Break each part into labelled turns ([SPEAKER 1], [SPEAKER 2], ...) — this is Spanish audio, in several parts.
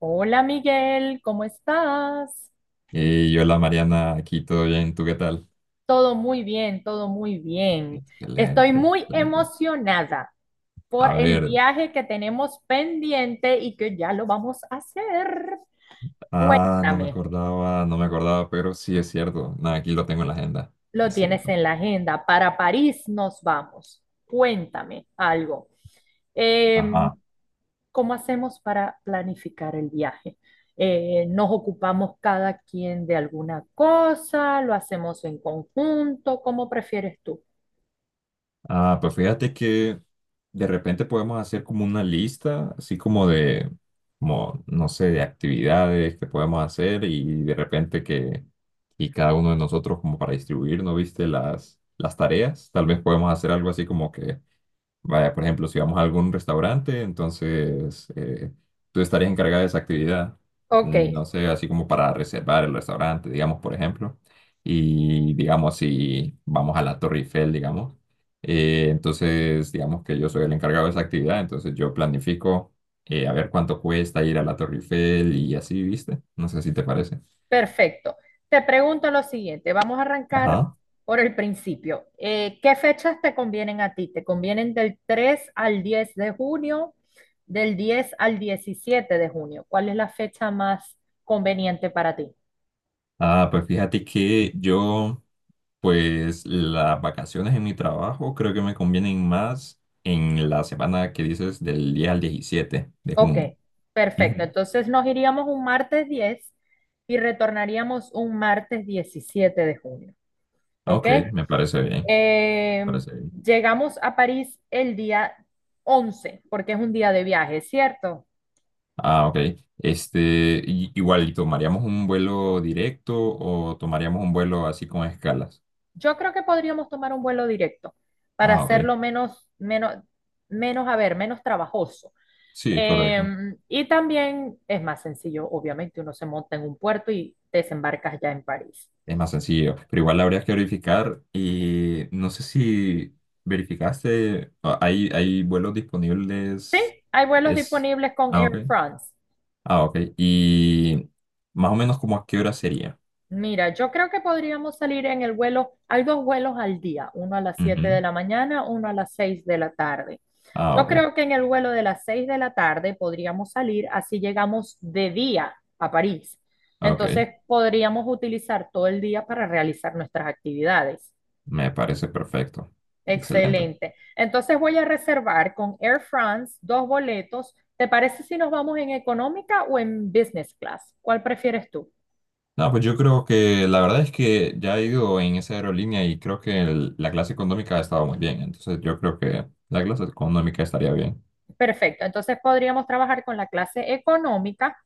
[SPEAKER 1] Hola Miguel, ¿cómo estás?
[SPEAKER 2] Y hola Mariana, aquí todo bien, ¿tú qué tal?
[SPEAKER 1] Todo muy bien, todo muy bien. Estoy
[SPEAKER 2] Excelente,
[SPEAKER 1] muy
[SPEAKER 2] excelente.
[SPEAKER 1] emocionada por
[SPEAKER 2] A
[SPEAKER 1] el
[SPEAKER 2] ver,
[SPEAKER 1] viaje que tenemos pendiente y que ya lo vamos a hacer.
[SPEAKER 2] no me
[SPEAKER 1] Cuéntame,
[SPEAKER 2] acordaba, no me acordaba, pero sí es cierto. Nada, aquí lo tengo en la agenda,
[SPEAKER 1] lo
[SPEAKER 2] es
[SPEAKER 1] tienes
[SPEAKER 2] cierto.
[SPEAKER 1] en la agenda. Para París nos vamos. Cuéntame algo. Em,
[SPEAKER 2] Ajá.
[SPEAKER 1] ¿Cómo hacemos para planificar el viaje? ¿Nos ocupamos cada quien de alguna cosa? ¿Lo hacemos en conjunto? ¿Cómo prefieres tú?
[SPEAKER 2] Pues fíjate que de repente podemos hacer como una lista, así como de, como, no sé, de actividades que podemos hacer y de repente que, y cada uno de nosotros como para distribuir, ¿no viste? Las tareas, tal vez podemos hacer algo así como que vaya, por ejemplo, si vamos a algún restaurante, entonces tú estarías encargada de esa actividad,
[SPEAKER 1] Ok,
[SPEAKER 2] no sé, así como para reservar el restaurante, digamos, por ejemplo, y digamos, si vamos a la Torre Eiffel, digamos, entonces digamos que yo soy el encargado de esa actividad, entonces yo planifico a ver cuánto cuesta ir a la Torre Eiffel y así, ¿viste? No sé si te parece.
[SPEAKER 1] perfecto. Te pregunto lo siguiente, vamos a arrancar
[SPEAKER 2] Ajá.
[SPEAKER 1] por el principio. ¿Qué fechas te convienen a ti? ¿Te convienen del 3 al 10 de junio, del 10 al 17 de junio? ¿Cuál es la fecha más conveniente para ti?
[SPEAKER 2] Pues fíjate que yo... Pues las vacaciones en mi trabajo creo que me convienen más en la semana que dices del 10 al 17 de
[SPEAKER 1] Ok,
[SPEAKER 2] junio.
[SPEAKER 1] perfecto.
[SPEAKER 2] Ujú.
[SPEAKER 1] Entonces nos iríamos un martes 10 y retornaríamos un martes 17 de junio. ¿Ok?
[SPEAKER 2] Ok, me parece bien, me
[SPEAKER 1] Eh,
[SPEAKER 2] parece bien.
[SPEAKER 1] llegamos a París el día 11, porque es un día de viaje, ¿cierto?
[SPEAKER 2] Ah, ok. Este, igual, ¿y tomaríamos un vuelo directo o tomaríamos un vuelo así con escalas?
[SPEAKER 1] Yo creo que podríamos tomar un vuelo directo para
[SPEAKER 2] Ah, ok.
[SPEAKER 1] hacerlo menos trabajoso.
[SPEAKER 2] Sí,
[SPEAKER 1] Eh,
[SPEAKER 2] correcto.
[SPEAKER 1] y también es más sencillo, obviamente, uno se monta en un puerto y desembarcas ya en París.
[SPEAKER 2] Es más sencillo. Pero igual habría que verificar y no sé si verificaste, hay vuelos
[SPEAKER 1] Sí,
[SPEAKER 2] disponibles.
[SPEAKER 1] hay vuelos
[SPEAKER 2] Es,
[SPEAKER 1] disponibles con
[SPEAKER 2] ok.
[SPEAKER 1] Air France.
[SPEAKER 2] Ah, ok. Y más o menos como a qué hora sería.
[SPEAKER 1] Mira, yo creo que podríamos salir en el vuelo, hay dos vuelos al día, uno a las 7 de
[SPEAKER 2] Ujú.
[SPEAKER 1] la mañana, uno a las 6 de la tarde.
[SPEAKER 2] Ah,
[SPEAKER 1] Yo
[SPEAKER 2] ok.
[SPEAKER 1] creo que en el vuelo de las 6 de la tarde podríamos salir, así llegamos de día a París.
[SPEAKER 2] Ok.
[SPEAKER 1] Entonces podríamos utilizar todo el día para realizar nuestras actividades.
[SPEAKER 2] Me parece perfecto. Excelente.
[SPEAKER 1] Excelente. Entonces voy a reservar con Air France dos boletos. ¿Te parece si nos vamos en económica o en business class? ¿Cuál prefieres tú?
[SPEAKER 2] No, pues yo creo que la verdad es que ya he ido en esa aerolínea y creo que la clase económica ha estado muy bien. Entonces yo creo que la clase económica estaría bien.
[SPEAKER 1] Perfecto. Entonces podríamos trabajar con la clase económica,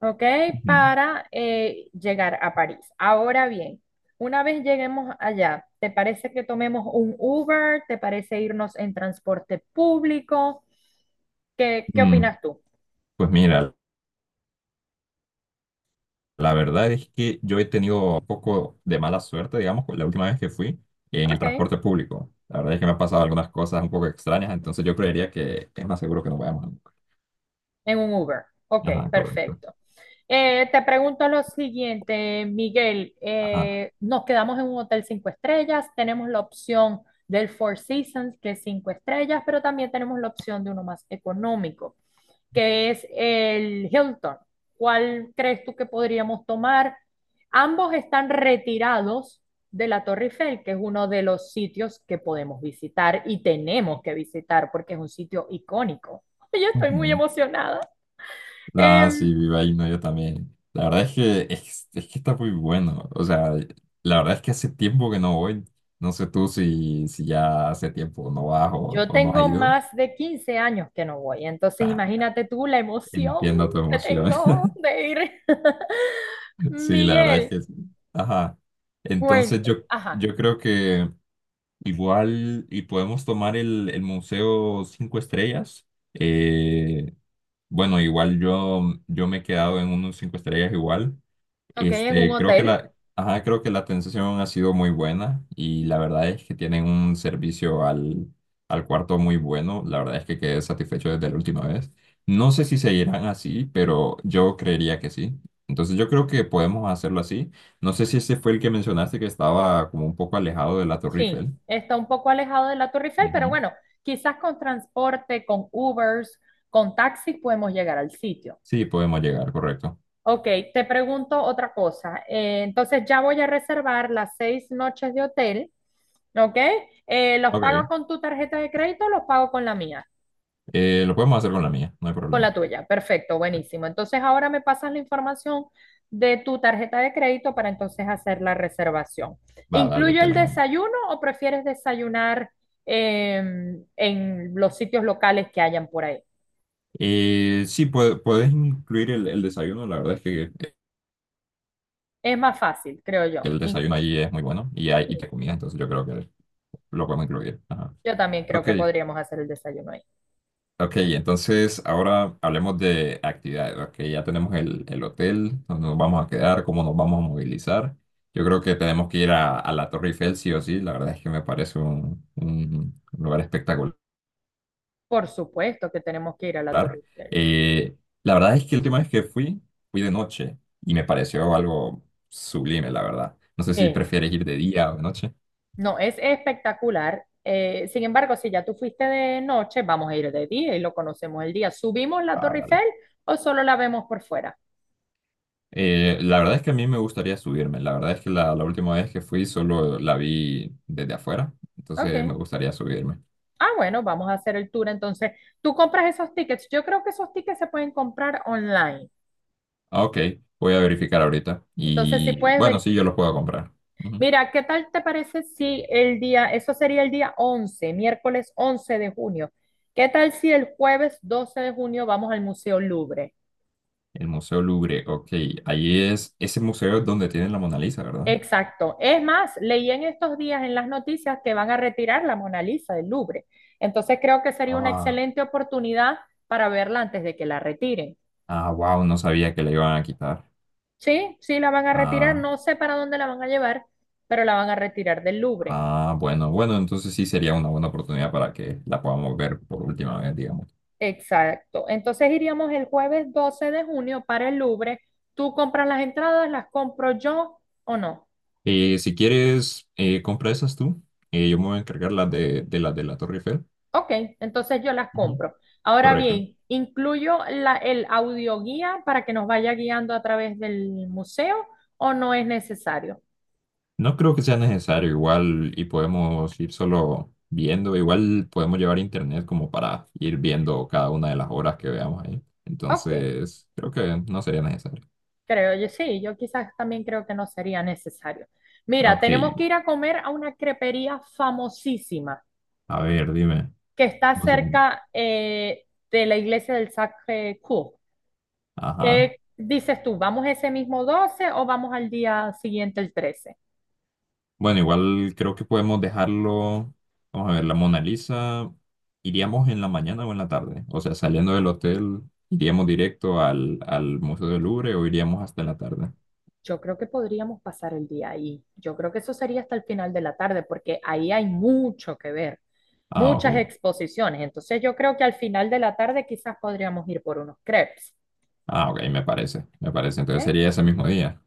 [SPEAKER 1] ¿ok?
[SPEAKER 2] Ujú.
[SPEAKER 1] Para llegar a París. Ahora bien, una vez lleguemos allá, ¿te parece que tomemos un Uber? ¿Te parece irnos en transporte público? ¿Qué
[SPEAKER 2] Mm,
[SPEAKER 1] opinas tú?
[SPEAKER 2] pues mira, la verdad es que yo he tenido un poco de mala suerte, digamos, con la última vez que fui en el
[SPEAKER 1] Ok,
[SPEAKER 2] transporte público. La verdad es que me han pasado algunas cosas un poco extrañas, entonces yo creería que es más seguro que nos vayamos, ¿no?
[SPEAKER 1] en un Uber. Ok,
[SPEAKER 2] Ajá, correcto.
[SPEAKER 1] perfecto. Te pregunto lo siguiente, Miguel.
[SPEAKER 2] Ajá.
[SPEAKER 1] Nos quedamos en un hotel cinco estrellas, tenemos la opción del Four Seasons, que es cinco estrellas, pero también tenemos la opción de uno más económico, que es el Hilton. ¿Cuál crees tú que podríamos tomar? Ambos están retirados de la Torre Eiffel, que es uno de los sitios que podemos visitar y tenemos que visitar porque es un sitio icónico. Yo estoy muy
[SPEAKER 2] Ujú.
[SPEAKER 1] emocionada.
[SPEAKER 2] Ah,
[SPEAKER 1] Eh,
[SPEAKER 2] sí, viva Himno, yo también. La verdad es que es que está muy bueno. O sea, la verdad es que hace tiempo que no voy. No sé tú si ya hace tiempo no vas o,
[SPEAKER 1] yo
[SPEAKER 2] o no has
[SPEAKER 1] tengo
[SPEAKER 2] ido.
[SPEAKER 1] más de 15 años que no voy, entonces imagínate tú la emoción
[SPEAKER 2] Entiendo tu
[SPEAKER 1] que
[SPEAKER 2] emoción.
[SPEAKER 1] tengo de ir.
[SPEAKER 2] Sí, la verdad es
[SPEAKER 1] Miguel,
[SPEAKER 2] que sí. Ajá. Entonces
[SPEAKER 1] cuéntame.
[SPEAKER 2] yo,
[SPEAKER 1] Ajá,
[SPEAKER 2] yo creo que igual y podemos tomar el Museo Cinco Estrellas. Eh, Bueno, igual yo me he quedado en unos cinco estrellas igual.
[SPEAKER 1] ok, en un
[SPEAKER 2] Este,
[SPEAKER 1] hotel.
[SPEAKER 2] creo que la atención ha sido muy buena y la verdad es que tienen un servicio al cuarto muy bueno. La verdad es que quedé satisfecho desde la última vez. No sé si seguirán así, pero yo creería que sí. Entonces yo creo que podemos hacerlo así. No sé si ese fue el que mencionaste que estaba como un poco alejado de la Torre
[SPEAKER 1] Sí,
[SPEAKER 2] Eiffel.
[SPEAKER 1] está un poco alejado de la Torre Eiffel, pero
[SPEAKER 2] Ujú.
[SPEAKER 1] bueno, quizás con transporte, con Ubers, con taxis podemos llegar al sitio.
[SPEAKER 2] Sí, podemos llegar, correcto.
[SPEAKER 1] Ok, te pregunto otra cosa. Entonces ya voy a reservar las 6 noches de hotel, ¿ok? ¿Los pago
[SPEAKER 2] Ok,
[SPEAKER 1] con tu tarjeta de crédito o los pago con la mía?
[SPEAKER 2] lo podemos hacer con la mía, no hay
[SPEAKER 1] Con
[SPEAKER 2] problema.
[SPEAKER 1] la tuya, perfecto, buenísimo. Entonces ahora me pasas la información de tu tarjeta de crédito para entonces hacer la reservación.
[SPEAKER 2] Va, dale,
[SPEAKER 1] ¿Incluyo
[SPEAKER 2] te
[SPEAKER 1] el
[SPEAKER 2] la mando.
[SPEAKER 1] desayuno o prefieres desayunar en los sitios locales que hayan por ahí?
[SPEAKER 2] Sí, puedes incluir el desayuno. La verdad es que
[SPEAKER 1] Es más fácil, creo yo.
[SPEAKER 2] el desayuno allí es muy bueno y hay y
[SPEAKER 1] Sí,
[SPEAKER 2] te comida, entonces yo creo que lo podemos incluir. Ajá.
[SPEAKER 1] yo también creo
[SPEAKER 2] Ok,
[SPEAKER 1] que podríamos hacer el desayuno ahí.
[SPEAKER 2] ok, entonces ahora hablemos de actividades. Ok, ya tenemos el hotel, donde nos vamos a quedar, cómo nos vamos a movilizar. Yo creo que tenemos que ir a la Torre Eiffel, sí o sí. La verdad es que me parece un lugar espectacular.
[SPEAKER 1] Por supuesto que tenemos que ir a la Torre
[SPEAKER 2] Hablar.
[SPEAKER 1] Eiffel.
[SPEAKER 2] Eh, la verdad es que la última vez que fui, fui de noche y me pareció algo sublime, la verdad. No sé si
[SPEAKER 1] Eh,
[SPEAKER 2] prefieres ir de día o de noche.
[SPEAKER 1] No, es espectacular. Sin embargo, si ya tú fuiste de noche, vamos a ir de día y lo conocemos el día. ¿Subimos la
[SPEAKER 2] Ah,
[SPEAKER 1] Torre
[SPEAKER 2] vale.
[SPEAKER 1] Eiffel o solo la vemos por fuera?
[SPEAKER 2] La verdad es que a mí me gustaría subirme. La verdad es que la última vez que fui solo la vi desde afuera, entonces me
[SPEAKER 1] Ok.
[SPEAKER 2] gustaría subirme.
[SPEAKER 1] Ah, bueno, vamos a hacer el tour. Entonces, tú compras esos tickets. Yo creo que esos tickets se pueden comprar online.
[SPEAKER 2] Ah, ok, voy a verificar ahorita.
[SPEAKER 1] Entonces, si
[SPEAKER 2] Y
[SPEAKER 1] puedes
[SPEAKER 2] bueno, sí, yo los
[SPEAKER 1] verificar.
[SPEAKER 2] puedo comprar. Ujú.
[SPEAKER 1] Mira, ¿qué tal te parece si el día, eso sería el día 11, miércoles 11 de junio? ¿Qué tal si el jueves 12 de junio vamos al Museo Louvre?
[SPEAKER 2] El Museo Louvre, ok. Ahí es, ese museo es donde tienen la Mona Lisa, ¿verdad?
[SPEAKER 1] Exacto. Es más, leí en estos días en las noticias que van a retirar la Mona Lisa del Louvre. Entonces creo que sería una
[SPEAKER 2] Ah,
[SPEAKER 1] excelente oportunidad para verla antes de que la retiren.
[SPEAKER 2] ah, wow, no sabía que la iban a quitar.
[SPEAKER 1] Sí, sí, la van a retirar. No sé para dónde la van a llevar, pero la van a retirar del Louvre.
[SPEAKER 2] Ah, bueno, bueno, entonces sí sería una buena oportunidad para que la podamos ver por última vez, digamos.
[SPEAKER 1] Exacto. Entonces iríamos el jueves 12 de junio para el Louvre. ¿Tú compras las entradas? ¿Las compro yo o no?
[SPEAKER 2] Si quieres, compra esas tú. Yo me voy a encargar las de las de la Torre Eiffel.
[SPEAKER 1] Ok, entonces yo las
[SPEAKER 2] Ujú.
[SPEAKER 1] compro. Ahora
[SPEAKER 2] Correcto.
[SPEAKER 1] bien, ¿incluyo la, el audioguía para que nos vaya guiando a través del museo o no es necesario?
[SPEAKER 2] No creo que sea necesario, igual y podemos ir solo viendo, igual podemos llevar internet como para ir viendo cada una de las obras que veamos ahí.
[SPEAKER 1] Ok,
[SPEAKER 2] Entonces, creo que no sería necesario.
[SPEAKER 1] creo yo sí, yo quizás también creo que no sería necesario. Mira,
[SPEAKER 2] Ok,
[SPEAKER 1] tenemos que ir a comer a una crepería famosísima
[SPEAKER 2] a ver, dime.
[SPEAKER 1] que está
[SPEAKER 2] ¿Cómo se llama?
[SPEAKER 1] cerca de la iglesia del Sacré-Cœur.
[SPEAKER 2] Ajá.
[SPEAKER 1] ¿Qué dices tú? ¿Vamos ese mismo 12 o vamos al día siguiente el 13?
[SPEAKER 2] Bueno, igual creo que podemos dejarlo. Vamos a ver, la Mona Lisa. ¿Iríamos en la mañana o en la tarde? O sea, saliendo del hotel, ¿iríamos directo al Museo del Louvre o iríamos hasta la tarde?
[SPEAKER 1] Yo creo que podríamos pasar el día ahí. Yo creo que eso sería hasta el final de la tarde, porque ahí hay mucho que ver,
[SPEAKER 2] Ah,
[SPEAKER 1] muchas
[SPEAKER 2] ok.
[SPEAKER 1] exposiciones. Entonces yo creo que al final de la tarde quizás podríamos ir por unos crepes,
[SPEAKER 2] Ah, ok, me parece. Me parece. Entonces
[SPEAKER 1] ¿eh?
[SPEAKER 2] sería ese mismo día.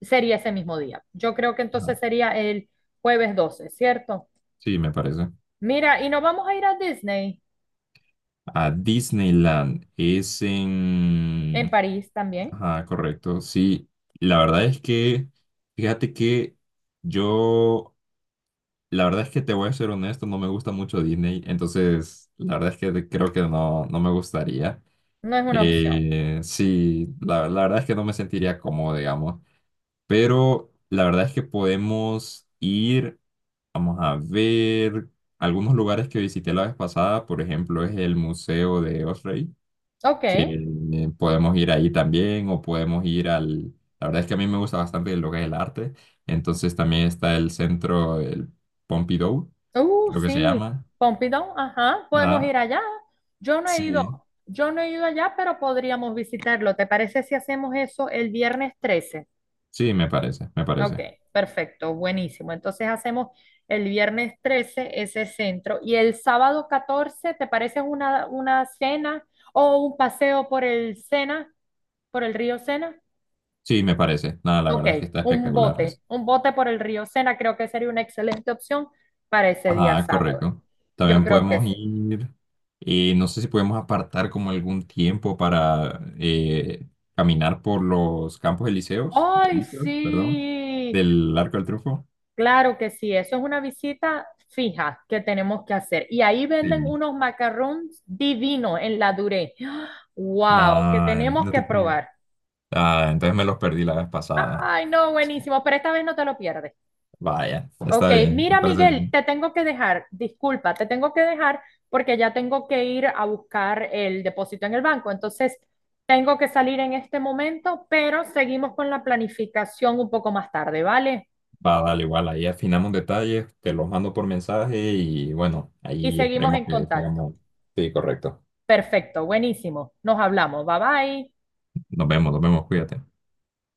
[SPEAKER 1] Sería ese mismo día. Yo creo que
[SPEAKER 2] Ajá.
[SPEAKER 1] entonces sería el jueves 12, ¿cierto?
[SPEAKER 2] Sí, me parece.
[SPEAKER 1] Mira, y nos vamos a ir a Disney
[SPEAKER 2] A Disneyland es
[SPEAKER 1] en
[SPEAKER 2] en...
[SPEAKER 1] París también.
[SPEAKER 2] Ajá, correcto. Sí, la verdad es que, fíjate que yo... La verdad es que te voy a ser honesto, no me gusta mucho Disney, entonces la verdad es que creo que no, no me gustaría.
[SPEAKER 1] No es una opción.
[SPEAKER 2] Sí, la verdad es que no me sentiría cómodo, digamos, pero la verdad es que podemos ir, vamos a ver, algunos lugares que visité la vez pasada, por ejemplo, es el Museo de Osrey,
[SPEAKER 1] Ok.
[SPEAKER 2] que podemos ir ahí también, o podemos ir al... La verdad es que a mí me gusta bastante lo que es el arte, entonces también está el centro, el Pompidou, creo que se
[SPEAKER 1] Sí,
[SPEAKER 2] llama.
[SPEAKER 1] Pompidou, ajá, podemos
[SPEAKER 2] Ah,
[SPEAKER 1] ir allá. Yo no he
[SPEAKER 2] sí,
[SPEAKER 1] ido, yo no he ido allá, pero podríamos visitarlo. ¿Te parece si hacemos eso el viernes 13?
[SPEAKER 2] sí, me parece, me
[SPEAKER 1] Ok,
[SPEAKER 2] parece.
[SPEAKER 1] perfecto, buenísimo. Entonces hacemos el viernes 13 ese centro y el sábado 14, ¿te parece una cena o un paseo por el Sena, por el río Sena?
[SPEAKER 2] Sí, me parece. Nada, la
[SPEAKER 1] Ok,
[SPEAKER 2] verdad es que está
[SPEAKER 1] un
[SPEAKER 2] espectacular
[SPEAKER 1] bote,
[SPEAKER 2] eso.
[SPEAKER 1] un bote por el río Sena creo que sería una excelente opción para ese día
[SPEAKER 2] Ajá,
[SPEAKER 1] sábado.
[SPEAKER 2] correcto.
[SPEAKER 1] Yo
[SPEAKER 2] También
[SPEAKER 1] creo que
[SPEAKER 2] podemos
[SPEAKER 1] sí.
[SPEAKER 2] ir, no sé si podemos apartar como algún tiempo para caminar por los campos elíseos,
[SPEAKER 1] Ay,
[SPEAKER 2] elíseos, perdón,
[SPEAKER 1] sí,
[SPEAKER 2] del Arco del Triunfo.
[SPEAKER 1] claro que sí, eso es una visita fija que tenemos que hacer. Y ahí venden
[SPEAKER 2] Sí.
[SPEAKER 1] unos macarrones divinos en la Duré. Wow, que
[SPEAKER 2] No,
[SPEAKER 1] tenemos
[SPEAKER 2] no
[SPEAKER 1] que
[SPEAKER 2] te creo.
[SPEAKER 1] probar.
[SPEAKER 2] Ah, entonces me los perdí la vez pasada.
[SPEAKER 1] Ay, no, buenísimo, pero esta vez no te lo pierdes.
[SPEAKER 2] Vaya,
[SPEAKER 1] Ok,
[SPEAKER 2] está bien, me
[SPEAKER 1] mira,
[SPEAKER 2] parece
[SPEAKER 1] Miguel,
[SPEAKER 2] bien.
[SPEAKER 1] te tengo que dejar, disculpa, te tengo que dejar porque ya tengo que ir a buscar el depósito en el banco. Entonces, tengo que salir en este momento, pero seguimos con la planificación un poco más tarde, ¿vale?
[SPEAKER 2] Va, dale, igual, ahí afinamos detalles, te los mando por mensaje y bueno,
[SPEAKER 1] Y
[SPEAKER 2] ahí
[SPEAKER 1] seguimos
[SPEAKER 2] esperemos
[SPEAKER 1] en
[SPEAKER 2] que
[SPEAKER 1] contacto.
[SPEAKER 2] seamos. Sí, correcto.
[SPEAKER 1] Perfecto, buenísimo. Nos hablamos. Bye bye.
[SPEAKER 2] Nos vemos, cuídate.